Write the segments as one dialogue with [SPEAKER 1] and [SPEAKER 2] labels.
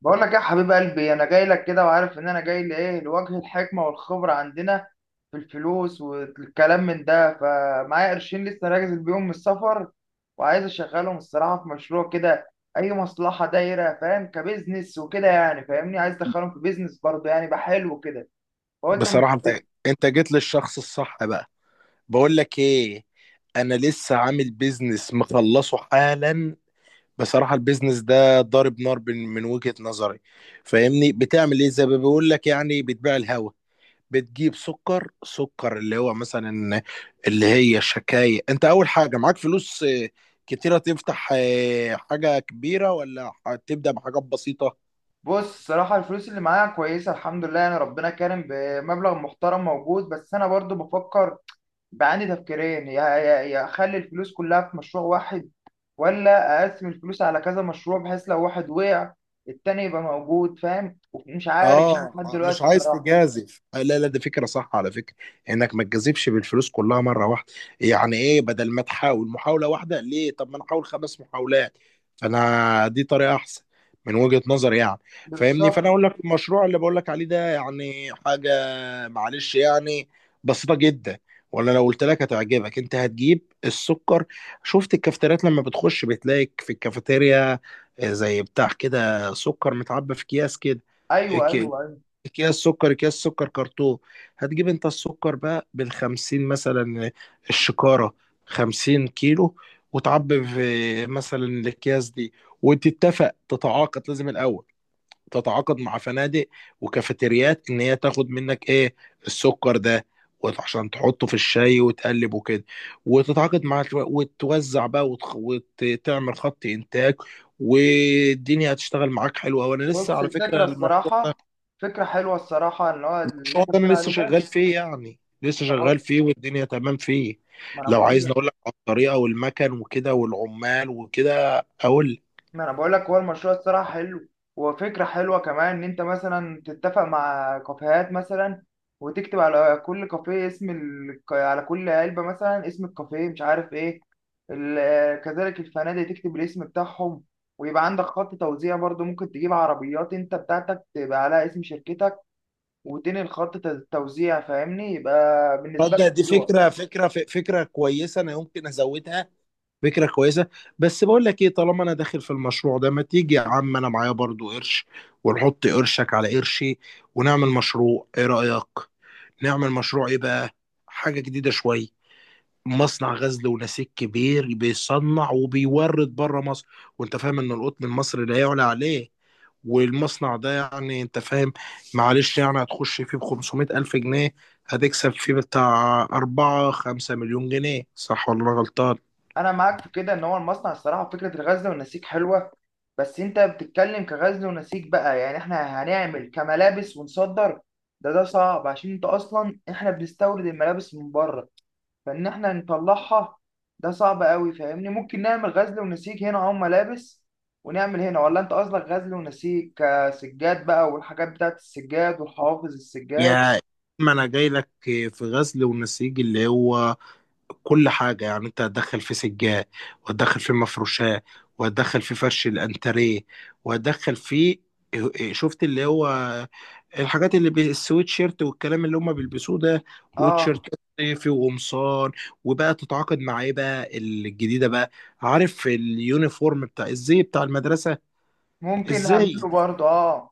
[SPEAKER 1] بقول لك إيه يا حبيب قلبي؟ انا جاي لك كده، وعارف ان انا جاي لايه. لوجه الحكمه والخبره عندنا في الفلوس والكلام من ده، فمعايا قرشين لسه راجز بيهم من السفر، وعايز اشغلهم الصراحه في مشروع كده، اي مصلحه دايره، فاهم؟ كبزنس وكده يعني، فاهمني؟ عايز ادخلهم في بيزنس برضه يعني، يبقى حلو كده. فقلت أما-.
[SPEAKER 2] بصراحة، انت جيت للشخص الصح بقى. بقول لك ايه، انا لسه عامل بيزنس مخلصه حالا. بصراحة البيزنس ده ضارب نار من وجهة نظري. فاهمني، بتعمل ايه زي ما بيقول لك يعني بتبيع الهوا. بتجيب سكر سكر اللي هو مثلا، اللي هي الشكاية، انت اول حاجة معاك فلوس، كتيرة، تفتح حاجة كبيرة ولا هتبدأ بحاجات بسيطة؟
[SPEAKER 1] بص، الصراحه الفلوس اللي معايا كويسه الحمد لله، يعني ربنا كرم بمبلغ محترم موجود، بس انا برضه بفكر. بعاني تفكيرين، يا اخلي الفلوس كلها في مشروع واحد، ولا اقسم الفلوس على كذا مشروع بحيث لو واحد وقع التاني يبقى موجود، فاهم؟ ومش عارف بقى
[SPEAKER 2] اه،
[SPEAKER 1] لحد دلوقتي
[SPEAKER 2] مش عايز
[SPEAKER 1] الصراحه.
[SPEAKER 2] تجازف. لا لا، دي فكره صح على فكره، انك ما تجازفش بالفلوس كلها مره واحده. يعني ايه؟ بدل ما تحاول محاوله واحده، ليه؟ طب ما انا احاول خمس محاولات. فانا دي طريقه احسن من وجهه نظري يعني. فاهمني، فانا
[SPEAKER 1] بالظبط.
[SPEAKER 2] اقول لك المشروع اللي بقول لك عليه ده يعني حاجه، معلش يعني، بسيطه جدا. ولا لو قلت لك هتعجبك، انت هتجيب السكر. شفت الكافتريات لما بتخش بتلاقي في الكافيتيريا زي بتاع كده سكر متعبى في اكياس كده،
[SPEAKER 1] ايوه، ايوه،
[SPEAKER 2] اكياس
[SPEAKER 1] ايوه.
[SPEAKER 2] اكياس سكر كرتون. هتجيب انت السكر بقى بالخمسين مثلا الشكارة، خمسين كيلو، وتعبي في مثلا الاكياس دي. تتعاقد لازم الاول، تتعاقد مع فنادق وكافيتريات ان هي تاخد منك ايه، السكر ده، عشان تحطه في الشاي وتقلب وكده. وتتعاقد مع وتوزع بقى، وتعمل خط انتاج، والدنيا هتشتغل معاك حلوه، وانا لسه
[SPEAKER 1] بص
[SPEAKER 2] على
[SPEAKER 1] الفكره
[SPEAKER 2] فكره.
[SPEAKER 1] الصراحه، فكره حلوه الصراحه اللي هو اللي
[SPEAKER 2] المشروع
[SPEAKER 1] انت
[SPEAKER 2] ده انا
[SPEAKER 1] بتقول عليه
[SPEAKER 2] لسه
[SPEAKER 1] ده.
[SPEAKER 2] شغال فيه، يعني لسه شغال فيه، والدنيا تمام فيه.
[SPEAKER 1] ما انا
[SPEAKER 2] لو عايزني
[SPEAKER 1] بقول.
[SPEAKER 2] اقول لك على الطريقه والمكن وكده والعمال وكده اقول لك.
[SPEAKER 1] ما انا بقول لك، هو المشروع الصراحه حلو، وفكره حلوه كمان ان انت مثلا تتفق مع كافيهات مثلا، وتكتب على كل كافيه اسم ال... على كل علبه مثلا اسم الكافيه، مش عارف ايه ال... كذلك الفنادق تكتب الاسم بتاعهم، ويبقى عندك خط توزيع برضو. ممكن تجيب عربيات انت بتاعتك تبقى عليها اسم شركتك، وتنقل خط توزيع، فاهمني؟ يبقى بالنسبه لك
[SPEAKER 2] تصدق دي
[SPEAKER 1] حلوه.
[SPEAKER 2] فكره، فكره كويسه، انا يمكن ازودها. فكره كويسه. بس بقول لك ايه، طالما انا داخل في المشروع ده، ما تيجي يا عم، انا معايا برضو قرش، ونحط قرشك على قرشي، ونعمل مشروع، ايه رايك؟ نعمل مشروع ايه بقى؟ حاجه جديده شويه. مصنع غزل ونسيج كبير، بيصنع وبيورد بره مصر، وانت فاهم ان القطن المصري لا يعلى عليه. والمصنع ده يعني انت فاهم، معلش يعني، هتخش فيه ب 500 ألف جنيه، هتكسب فيه بتاع 4 5 مليون جنيه، صح ولا أنا غلطان؟
[SPEAKER 1] انا معاك في كده ان هو المصنع الصراحه، فكره الغزل والنسيج حلوه، بس انت بتتكلم كغزل ونسيج بقى، يعني احنا هنعمل كملابس ونصدر؟ ده صعب، عشان انت اصلا احنا بنستورد الملابس من بره، فان احنا نطلعها ده صعب قوي، فاهمني؟ ممكن نعمل غزل ونسيج هنا او ملابس، ونعمل هنا. ولا انت قصدك غزل ونسيج كسجاد بقى، والحاجات بتاعت السجاد والحوافظ السجاد؟
[SPEAKER 2] يا، ما انا جاي لك في غزل ونسيج اللي هو كل حاجة، يعني انت هتدخل في سجاد، وهتدخل في مفروشات، وهتدخل في فرش الانتريه، وهتدخل في إيه، شفت، اللي هو الحاجات السويت شيرت والكلام اللي هم بيلبسوه ده،
[SPEAKER 1] اه
[SPEAKER 2] وتيشيرت صيفي وقمصان. وبقى تتعاقد مع ايه بقى الجديدة بقى؟ عارف اليونيفورم بتاع الزي بتاع المدرسة؟
[SPEAKER 1] ممكن
[SPEAKER 2] ازاي؟
[SPEAKER 1] نعمله برضه، اه.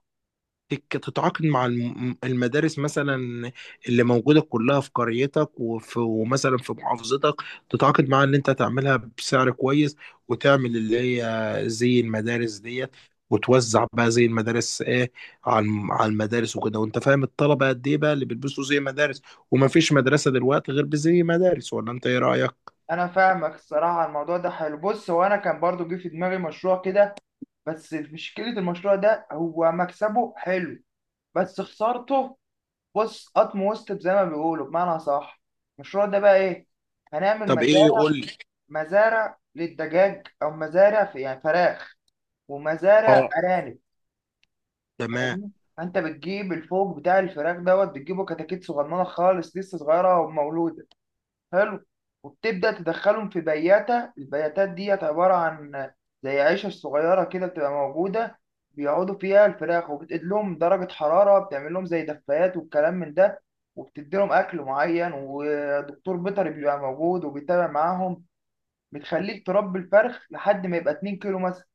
[SPEAKER 2] تتعاقد مع المدارس مثلا اللي موجودة كلها في قريتك، وفي ومثلا في محافظتك، تتعاقد معاها ان انت تعملها بسعر كويس، وتعمل اللي هي زي المدارس ديت، وتوزع بقى زي المدارس ايه، على على المدارس وكده. وانت فاهم الطلبة قد ايه بقى اللي بيلبسوا زي مدارس، وما فيش مدرسة دلوقتي غير بزي مدارس، ولا انت ايه رأيك؟
[SPEAKER 1] انا فاهمك الصراحه، الموضوع ده حلو. بص، هو انا كان برضو جه في دماغي مشروع كده، بس مشكله المشروع ده هو مكسبه حلو بس خسارته. بص، قطم وسط زي ما بيقولوا بمعنى صح. المشروع ده بقى ايه؟ هنعمل
[SPEAKER 2] طب ايه؟
[SPEAKER 1] مزارع،
[SPEAKER 2] قول لي.
[SPEAKER 1] مزارع للدجاج او مزارع في يعني فراخ، ومزارع
[SPEAKER 2] اه،
[SPEAKER 1] ارانب.
[SPEAKER 2] تمام.
[SPEAKER 1] فاهمني؟ فانت بتجيب الفوق بتاع الفراخ دوت، بتجيبه كتاكيت صغننه خالص، لسه صغيره ومولود. حلو. وبتبدأ تدخلهم في بياتة، البياتات ديت عبارة عن زي عيشة صغيرة كده بتبقى موجودة، بيقعدوا فيها الفراخ، وبتقيد لهم درجة حرارة، بتعمل لهم زي دفايات والكلام من ده، وبتدي لهم أكل معين، ودكتور بيطري بيبقى موجود وبيتابع معاهم. بتخليك تربي الفرخ لحد ما يبقى 2 كيلو مثلا،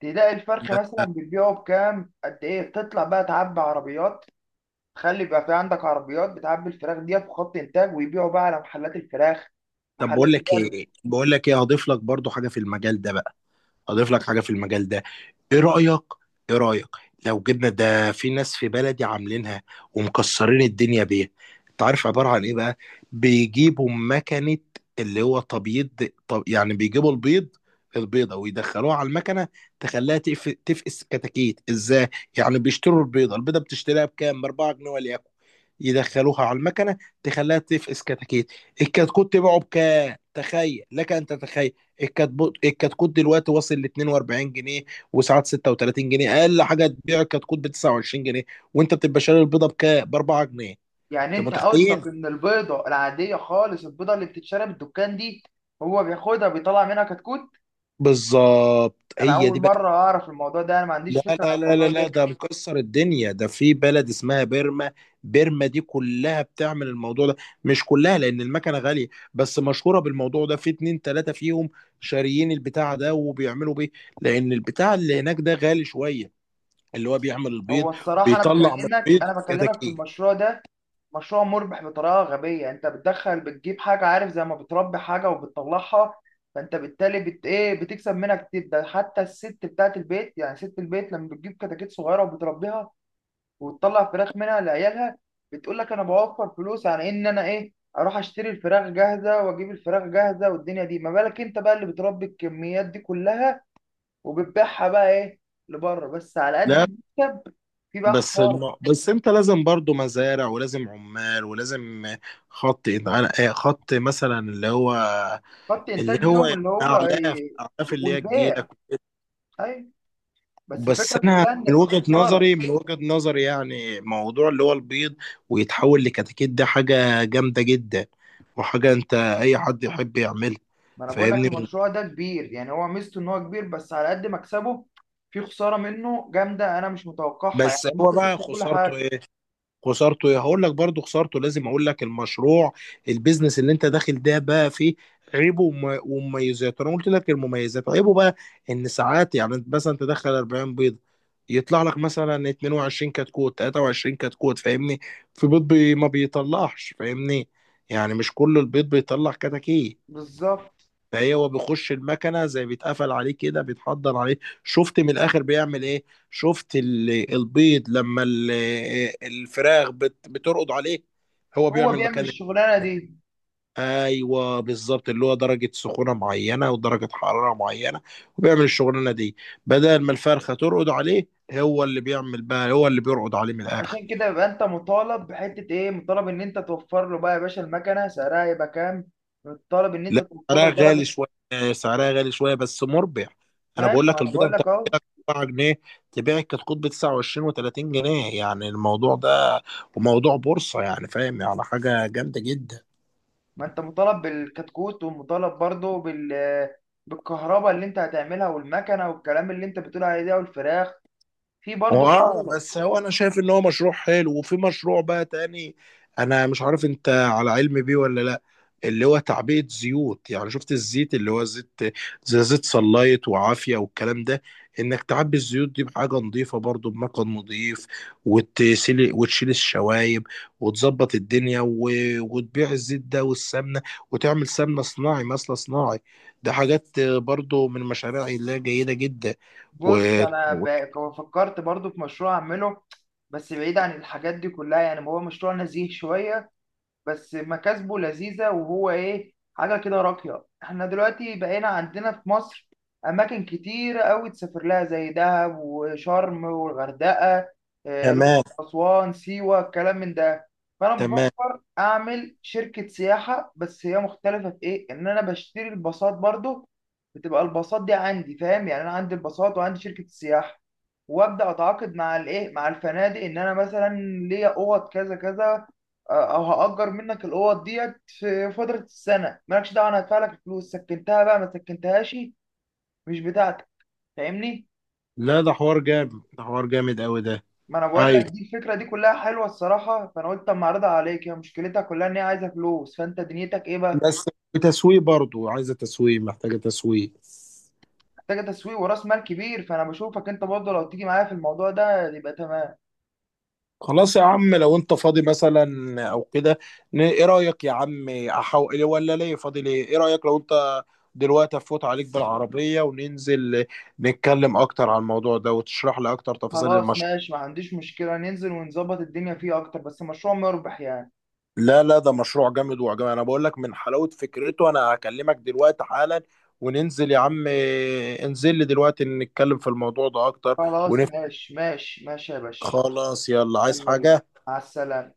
[SPEAKER 1] تلاقي الفرخ مثلا بتبيعه بكام قد إيه. بتطلع بقى تعبي عربيات، خلي يبقى في عندك عربيات بتعبي الفراخ دي في خط انتاج، ويبيعوا بقى على محلات الفراخ،
[SPEAKER 2] طب
[SPEAKER 1] محلات
[SPEAKER 2] بقول لك
[SPEAKER 1] اللحم.
[SPEAKER 2] ايه، هضيف لك برضو حاجة في المجال ده بقى، اضيف لك حاجه في المجال ده. ايه رايك؟ ايه رايك لو جبنا ده في ناس في بلدي عاملينها ومكسرين الدنيا بيها؟ انت عارف عباره عن ايه بقى؟ بيجيبوا مكنه اللي هو تبييض. طب يعني بيجيبوا البيض، البيضه، ويدخلوها على المكنه، تفقس كتاكيت، ازاي؟ يعني بيشتروا البيضه، بتشتريها بكام؟ ب 4 جنيه وليكن، يدخلوها على المكنه تخليها تفقس كتاكيت. الكتكوت تبيعه بكام؟ تخيل لك ان تتخيل، الكتكوت دلوقتي واصل ل 42 جنيه، وساعات 36 جنيه، اقل حاجه تبيع الكتكوت ب 29 جنيه، وانت بتبقى شاري البيضه بكام؟ ب 4 جنيه.
[SPEAKER 1] يعني
[SPEAKER 2] انت
[SPEAKER 1] انت
[SPEAKER 2] متخيل؟
[SPEAKER 1] قصدك ان البيضه العاديه خالص، البيضه اللي بتتشرب الدكان دي، هو بياخدها بيطلع منها كتكوت؟
[SPEAKER 2] بالظبط،
[SPEAKER 1] انا
[SPEAKER 2] هي
[SPEAKER 1] اول
[SPEAKER 2] دي بقى.
[SPEAKER 1] مره اعرف الموضوع ده، انا ما عنديش
[SPEAKER 2] لا
[SPEAKER 1] فكره
[SPEAKER 2] لا
[SPEAKER 1] عن
[SPEAKER 2] لا لا
[SPEAKER 1] الموضوع
[SPEAKER 2] لا،
[SPEAKER 1] ده.
[SPEAKER 2] ده مكسر الدنيا، ده في بلد اسمها بيرما. بيرما دي كلها بتعمل الموضوع ده. مش كلها لان المكنه غاليه، بس مشهوره بالموضوع ده. في اتنين تلاته فيهم شاريين البتاع ده وبيعملوا بيه، لان البتاع اللي هناك ده غالي شويه، اللي هو بيعمل البيض،
[SPEAKER 1] هو الصراحه انا
[SPEAKER 2] بيطلع من
[SPEAKER 1] بكلمك،
[SPEAKER 2] البيض
[SPEAKER 1] انا بكلمك في
[SPEAKER 2] كتاكيت.
[SPEAKER 1] المشروع ده، مشروع مربح بطريقه غبيه. انت بتدخل بتجيب حاجه، عارف؟ زي ما بتربي حاجه وبتطلعها، فانت بالتالي بت ايه؟ بتكسب منها كتير. ده حتى الست بتاعت البيت، يعني ست البيت لما بتجيب كتاكيت صغيره وبتربيها وتطلع فراخ منها لعيالها، بتقول لك انا بوفر فلوس عن ان انا ايه؟ اروح اشتري الفراخ جاهزه، واجيب الفراخ جاهزه والدنيا دي. ما بالك انت بقى اللي بتربي الكميات دي كلها وبتبيعها بقى ايه؟ لبره. بس على قد
[SPEAKER 2] لا،
[SPEAKER 1] المكسب في بقى خساره.
[SPEAKER 2] بس انت لازم برضو مزارع، ولازم عمال، ولازم خط خط مثلا، اللي هو،
[SPEAKER 1] خط انتاج
[SPEAKER 2] اللي هو
[SPEAKER 1] اليوم
[SPEAKER 2] يعني
[SPEAKER 1] اللي هو
[SPEAKER 2] اعلاف
[SPEAKER 1] إيه؟
[SPEAKER 2] اعلاف اللي هي
[SPEAKER 1] والبيع.
[SPEAKER 2] تجيلك.
[SPEAKER 1] ايوه. بس
[SPEAKER 2] بس
[SPEAKER 1] الفكره
[SPEAKER 2] انا
[SPEAKER 1] كلها ان الخساره،
[SPEAKER 2] من وجهة نظري، يعني موضوع اللي هو البيض ويتحول لكتاكيت، ده حاجة جامدة جدا، وحاجة انت اي حد يحب يعملها.
[SPEAKER 1] ما انا بقول لك
[SPEAKER 2] فاهمني؟
[SPEAKER 1] المشروع ده كبير، يعني هو ميزته ان هو كبير، بس على قد مكسبه في خساره منه جامده انا مش متوقعها، يعني
[SPEAKER 2] بس هو
[SPEAKER 1] ممكن
[SPEAKER 2] بقى
[SPEAKER 1] تخسر كل
[SPEAKER 2] خسارته
[SPEAKER 1] حاجه.
[SPEAKER 2] ايه؟ خسارته ايه؟ هقول لك برضو خسارته. لازم اقول لك المشروع، البيزنس اللي انت داخل ده بقى فيه عيبه ومميزاته. انا قلت لك المميزات، عيبه بقى ان ساعات يعني مثلا تدخل 40 بيضه، يطلع لك مثلا 22 كتكوت، 23 كتكوت. فاهمني؟ في بيض بي ما بيطلعش. فاهمني؟ يعني مش كل البيض بيطلع كتاكيت.
[SPEAKER 1] بالظبط.
[SPEAKER 2] فهي هو بيخش المكنه زي بيتقفل عليه كده، بيتحضر عليه. شفت من الاخر بيعمل ايه؟ شفت البيض لما الفراخ بترقد عليه، هو
[SPEAKER 1] هو
[SPEAKER 2] بيعمل
[SPEAKER 1] بيعمل
[SPEAKER 2] مكان.
[SPEAKER 1] الشغلانه دي.
[SPEAKER 2] ايوه بالظبط، اللي هو درجه سخونه معينه ودرجه حراره معينه، وبيعمل الشغلانه دي، بدل ما الفرخه ترقد عليه، هو اللي بيعمل بقى، هو اللي بيرقد عليه من الاخر.
[SPEAKER 1] عشان كده يبقى انت مطالب بحته ايه؟ مطالب ان انت توفر له بقى يا باشا المكنه سعرها يبقى كام، مطالب ان انت
[SPEAKER 2] لا،
[SPEAKER 1] توفر
[SPEAKER 2] سعرها
[SPEAKER 1] له
[SPEAKER 2] غالي
[SPEAKER 1] درجه.
[SPEAKER 2] شويه، سعرها غالي شويه، بس مربح. انا بقول
[SPEAKER 1] ماشي، ما
[SPEAKER 2] لك
[SPEAKER 1] انا بقول
[SPEAKER 2] البيضه
[SPEAKER 1] لك اهو.
[SPEAKER 2] 7 جنيه، تبيعك كتكوت ب 29 و30 جنيه، يعني الموضوع ده وموضوع بورصة يعني، فاهم؟ يعني حاجة جامدة جدا.
[SPEAKER 1] ما انت مطالب بالكتكوت، ومطالب برضه بال، بالكهرباء اللي انت هتعملها، والمكنه والكلام اللي انت بتقول عليه ده، والفراخ. في برضه
[SPEAKER 2] هو اه،
[SPEAKER 1] خطورة.
[SPEAKER 2] بس هو انا شايف ان هو مشروع حلو. وفي مشروع بقى تاني انا مش عارف انت على علم بيه ولا لا، اللي هو تعبئة زيوت، يعني شفت الزيت اللي هو زيت، زي زيت صلايت وعافية والكلام ده، انك تعبي الزيوت دي بحاجة نظيفة، برضو بمكان نظيف، وتسيل وتشيل الشوايب، وتظبط الدنيا وتبيع الزيت ده والسمنة. وتعمل سمنة صناعي مثلا، صناعي، ده حاجات برضو من المشاريع اللي هي جيدة جدا و...
[SPEAKER 1] بص أنا فكرت برضه في مشروع أعمله، بس بعيد عن الحاجات دي كلها، يعني هو مشروع نزيه شوية، بس مكاسبه لذيذة، وهو ايه، حاجة كده راقية. احنا دلوقتي بقينا عندنا في مصر أماكن كتير أوي تسافر لها، زي دهب وشرم والغردقة، آه، الأقصر،
[SPEAKER 2] وكمان.
[SPEAKER 1] أسوان، سيوة، الكلام من ده. فأنا
[SPEAKER 2] تمام.
[SPEAKER 1] بفكر أعمل شركة سياحة، بس هي مختلفة في إيه؟ إن أنا بشتري الباصات برضو، بتبقى الباصات دي عندي، فاهم؟ يعني أنا عندي الباصات وعندي شركة السياحة، وأبدأ أتعاقد مع الإيه؟ مع الفنادق، إن أنا مثلا ليا أوض كذا كذا، او هاجر منك الاوض ديت في فتره السنه، مالكش دعوه، انا هدفع لك الفلوس، سكنتها بقى ما سكنتهاش مش بتاعتك، فاهمني؟
[SPEAKER 2] لا، ده حوار جامد، ده حوار جامد قوي ده.
[SPEAKER 1] ما انا بقول لك
[SPEAKER 2] ايوه
[SPEAKER 1] دي الفكره دي كلها حلوه الصراحه، فانا قلت اما اعرضها عليك، هي مشكلتها كلها ان هي عايزه فلوس، فانت دنيتك ايه بقى؟
[SPEAKER 2] بس، تسويق برضو، عايزه تسويق، محتاجه تسويق.
[SPEAKER 1] محتاجه تسويق وراس مال كبير، فانا بشوفك انت برضه لو تيجي معايا في الموضوع ده يبقى تمام.
[SPEAKER 2] خلاص يا عم، لو انت فاضي مثلا او كده، ايه رايك يا عم؟ احاول ولا ليه؟ فاضي ليه؟ ايه رايك لو انت دلوقتي افوت عليك بالعربيه وننزل نتكلم اكتر عن الموضوع ده، وتشرح لي اكتر تفاصيل
[SPEAKER 1] خلاص
[SPEAKER 2] المشروع؟
[SPEAKER 1] ماشي ما عنديش مشكله، ننزل ونظبط الدنيا فيه اكتر، بس مشروع مربح يعني.
[SPEAKER 2] لا لا، ده مشروع جامد وعجبني. انا بقول لك من حلاوة فكرته، انا هكلمك دلوقتي حالا، وننزل يا عم. انزل لي دلوقتي، نتكلم في الموضوع ده اكتر
[SPEAKER 1] خلاص
[SPEAKER 2] ونفهم.
[SPEAKER 1] ماشي، ماشي ماشي يا باشا.
[SPEAKER 2] خلاص، يلا، عايز
[SPEAKER 1] يلا بينا.
[SPEAKER 2] حاجة؟
[SPEAKER 1] مع السلامه.